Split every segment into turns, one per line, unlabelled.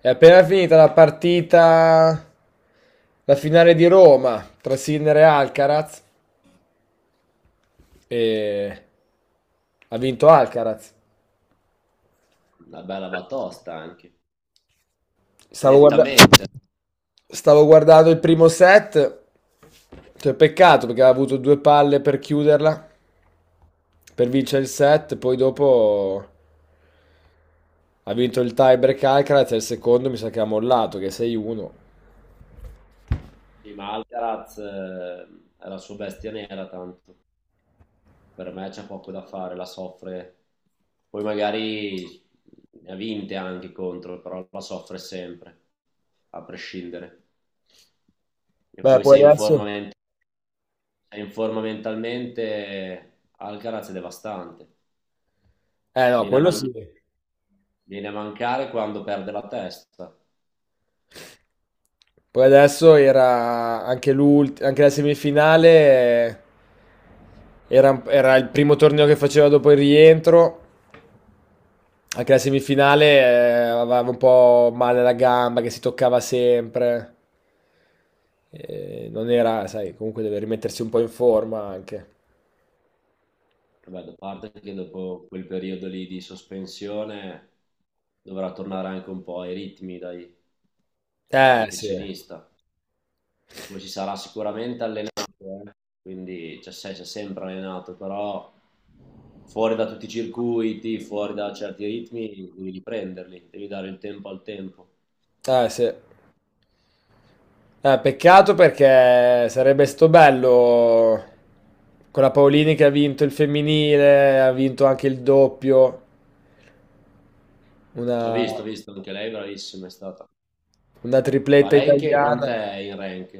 È appena finita la partita, la finale di Roma tra Sinner e Alcaraz e ha vinto Alcaraz.
Una bella batosta anche,
Stavo guarda-
nettamente.
Stavo guardando il primo set, cioè peccato perché aveva avuto due palle per chiuderla, per vincere il set, poi dopo ha vinto il tiebreak Alcaraz e il secondo mi sa che ha mollato, che è 6-1.
Sì, ma Alcaraz è la sua bestia nera, tanto per me c'è poco da fare, la soffre. Poi magari ne ha vinte anche contro, però la soffre sempre, a prescindere. E
Beh,
poi se è
poi
in
adesso...
forma, ment- se è in forma mentalmente, Alcaraz è devastante.
Eh no,
Viene a,
quello
man-
sì.
Viene a mancare quando perde la testa.
Poi adesso era anche anche la semifinale, era il primo torneo che faceva dopo il rientro. Anche la semifinale, aveva un po' male la gamba che si toccava sempre. Non era, sai, comunque deve rimettersi un po' in forma anche.
Vabbè, da parte che dopo quel periodo lì di sospensione dovrà tornare anche un po' ai ritmi da
Eh sì,
professionista. Poi si sarà sicuramente allenato, quindi cioè, si è sempre allenato, però fuori da tutti i circuiti, fuori da certi ritmi, devi riprenderli, devi dare il tempo al tempo.
eh sì. Peccato perché sarebbe stato bello con la Paolini che ha vinto il femminile, ha vinto anche il doppio. Una,
Ho visto, anche lei bravissima è stata.
una
Ma
tripletta
lei in che,
italiana.
quant'è in rank?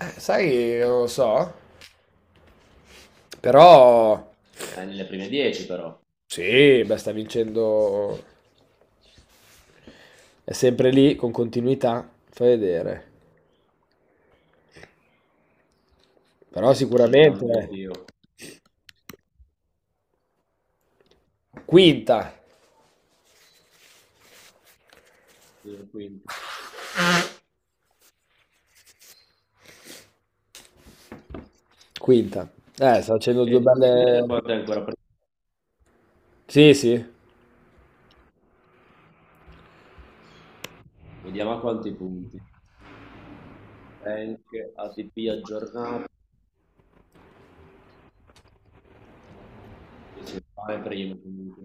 Sai, non lo so. Però
È nelle prime 10 però,
sì, beh, sta vincendo. È sempre lì con continuità. Fai vedere. Però
sto
sicuramente
cercando
eh.
anch'io,
Quinta.
sì, quinto.
Quinta. Sta facendo due
E Tinder
belle.
quanto è ancora presente?
Sì, sì.
Vediamo a quanti punti. Rank, ATP aggiornato, si fa prima comunque.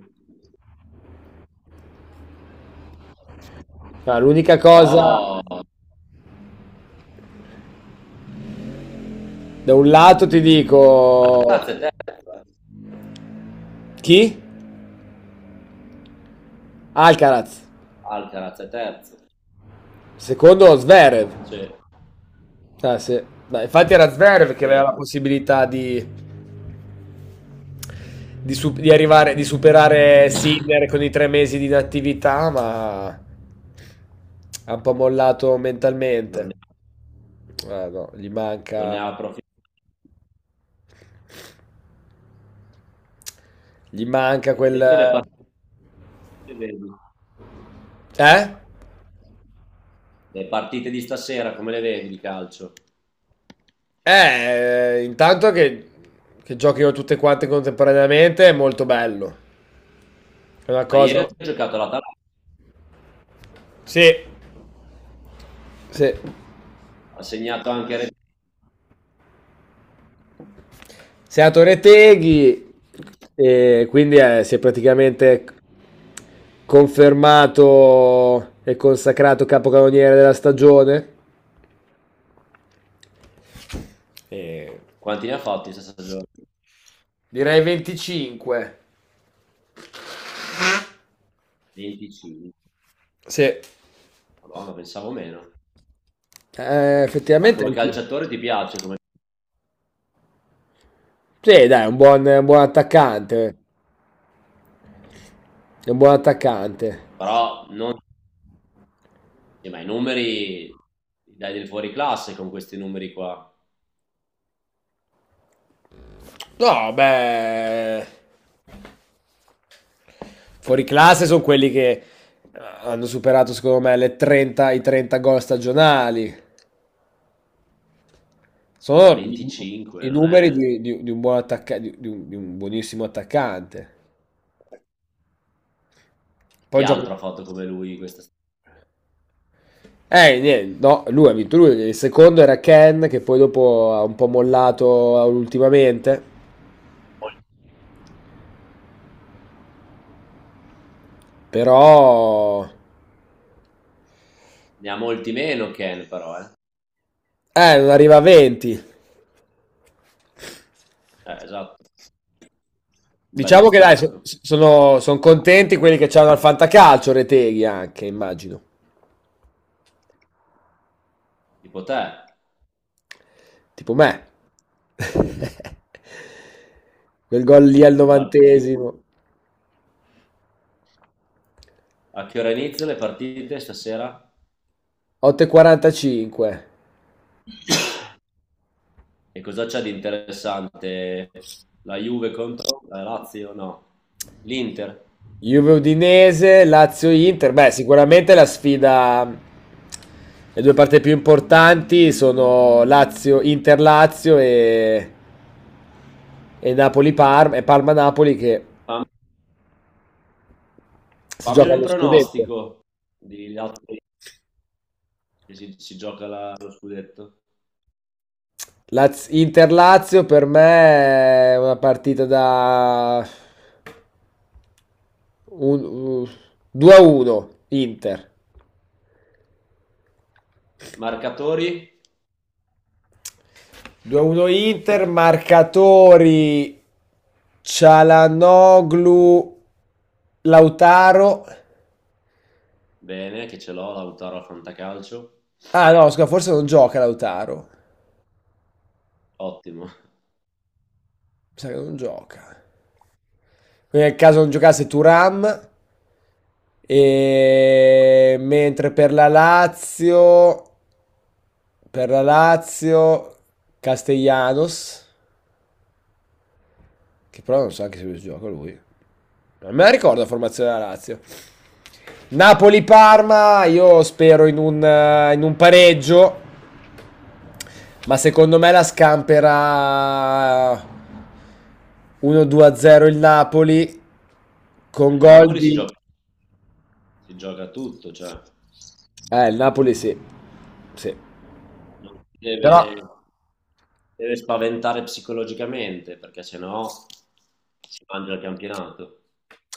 Ah, l'unica
Però
cosa, da un lato ti dico
Alcaraz è terzo, eh.
chi? Alcaraz.
Alcaraz è terzo.
Secondo Zverev.
Cioè,
Ah, sì. Dai, infatti era Zverev che aveva la
cioè,
possibilità di di arrivare, di superare Sinner con i tre mesi di inattività, ma ha un po' mollato
non
mentalmente.
ne,
Ah, no,
non ne ha approfittato.
gli manca
E
quel...
invece le partite, vedi,
Eh?
le partite di stasera, come le vedi di calcio?
Eh, intanto che, che giochino tutte quante contemporaneamente è molto bello. È una
Ma ieri
cosa...
ha giocato l'Atalanta,
Sì, sì.
ha segnato anche...
Sei a Torre Teghi e quindi si è praticamente confermato e consacrato capocannoniere della stagione? E...
Quanti ne ha fatti in 60 giorni?
Direi 25.
25.
Sì,
Madonna, pensavo meno.
eh,
Ma
effettivamente
come
anch'io.
calciatore ti piace,
Sì, dai, è un buon attaccante. È un buon attaccante.
però non... ma i numeri dai del fuori classe con questi numeri qua.
No, beh, fuori classe sono quelli che hanno superato, secondo me, i 30 gol stagionali.
Beh,
Sono i,
25,
i
non
numeri
è...
di un di un buonissimo attaccante.
Chi
Poi gioca,
altro ha fatto come lui questa stagione?
eh, niente, no, lui ha vinto lui, il secondo era Ken che poi dopo ha un po' mollato ultimamente, però
Ne ha molti meno Ken, però, eh.
non arriva a 20.
Esatto. Un bel
Diciamo che dai,
distacco.
son contenti quelli che c'hanno al fantacalcio Reteghi anche, immagino,
Tipo te,
tipo me. Quel gol lì al
le parti-
novantesimo,
a che ora iniziano le partite stasera?
8:45.
E cosa c'è di interessante? La Juve contro la Lazio? No. L'Inter?
Juve Udinese, Lazio Inter. Beh, sicuramente la sfida. Le due parti più importanti sono Inter Lazio e Napoli Parma e Parma Napoli che
Fam-
si
Fammi
gioca
un
allo scudetto.
pronostico di Lazio che si gioca lo scudetto.
Inter Lazio per me è una partita da un- un- 2-1 Inter.
Marcatori,
2-1 Inter, marcatori Cialanoglu, Lautaro.
bene, che ce l'ho, Lautaro al Fantacalcio,
Ah no, scusa, forse non gioca Lautaro.
ottimo.
Mi sa che non gioca. Quindi nel caso non giocasse Turam. E... Mentre per la Lazio, Castellanos, che però non so anche se lui gioca lui. Non me la ricordo la formazione della Lazio. Napoli-Parma, io spero in in un pareggio. Ma secondo me la scamperà 1-2-0 il Napoli con
Il
gol
Napoli
di...
si gioca tutto, cioè
Il Napoli sì, sì.
non si
Però
deve, deve spaventare psicologicamente, perché sennò si mangia il campionato.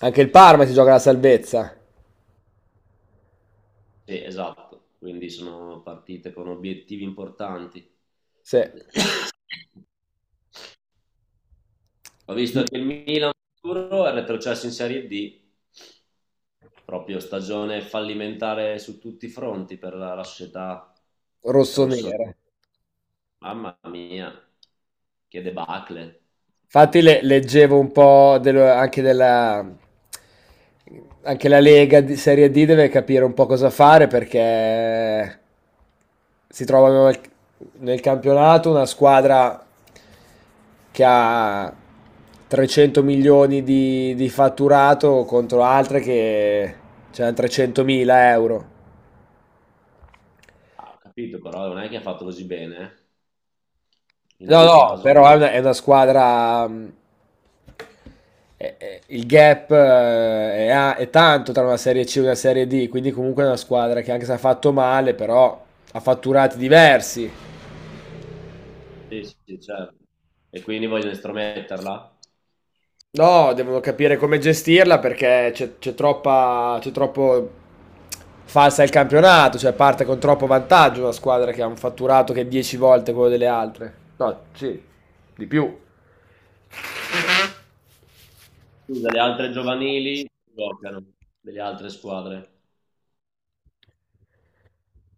anche il Parma si gioca la salvezza.
Sì, esatto, quindi sono partite con obiettivi importanti.
Sì.
Ho visto che il Milan è retrocesso in Serie D, proprio stagione fallimentare su tutti i fronti per la società rosso.
Rossonera.
Mamma mia, che debacle.
Infatti leggevo un po' anche della... Anche la Lega di Serie D deve capire un po' cosa fare perché si trovano nel campionato una squadra che ha 300 milioni di fatturato contro altre che hanno 300 mila euro.
Ah, ho capito, però non è che ha fatto così bene, eh, in
No,
ogni
no,
caso.
però è è una squadra. Il gap è tanto tra una serie C e una serie D, quindi comunque è una squadra che anche se ha fatto male, però ha fatturati diversi.
Sì, sì, certo. E quindi vogliono estrometterla?
No, devono capire come gestirla perché c'è troppo falsa il campionato, cioè parte con troppo vantaggio una squadra che ha un fatturato che è 10 volte quello delle altre.
Scusa, le altre giovanili giocano, delle altre squadre.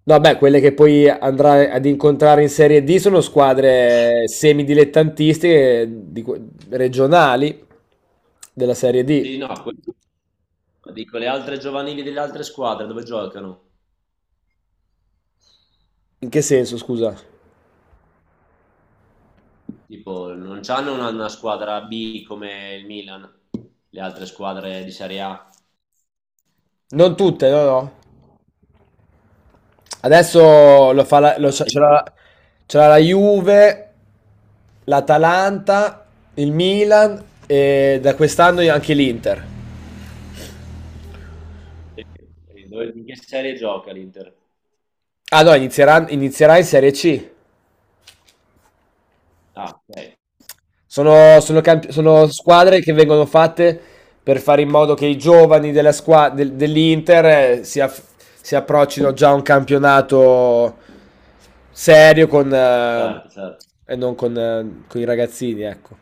No, beh, quelle che poi andrai ad incontrare in Serie D sono squadre semidilettantistiche regionali della Serie D.
Sì, no, dico le altre giovanili delle altre squadre dove giocano?
In che senso, scusa?
Tipo, non hanno una squadra B come il Milan, le altre squadre di Serie A.
Non tutte, no, no. Adesso lo fa
Beh, la Juve-
c'è la Juve, l'Atalanta, il Milan e da quest'anno anche l'Inter.
Eh, in che serie gioca l'Inter?
Ah no, inizierà in Serie C.
Ah, ok,
Sono
quindi però,
squadre che vengono fatte per fare in modo che i giovani dell'Inter eh, si, aff- si approccino già a un campionato serio con,
certo, certo.
e non con, con i ragazzini, ecco.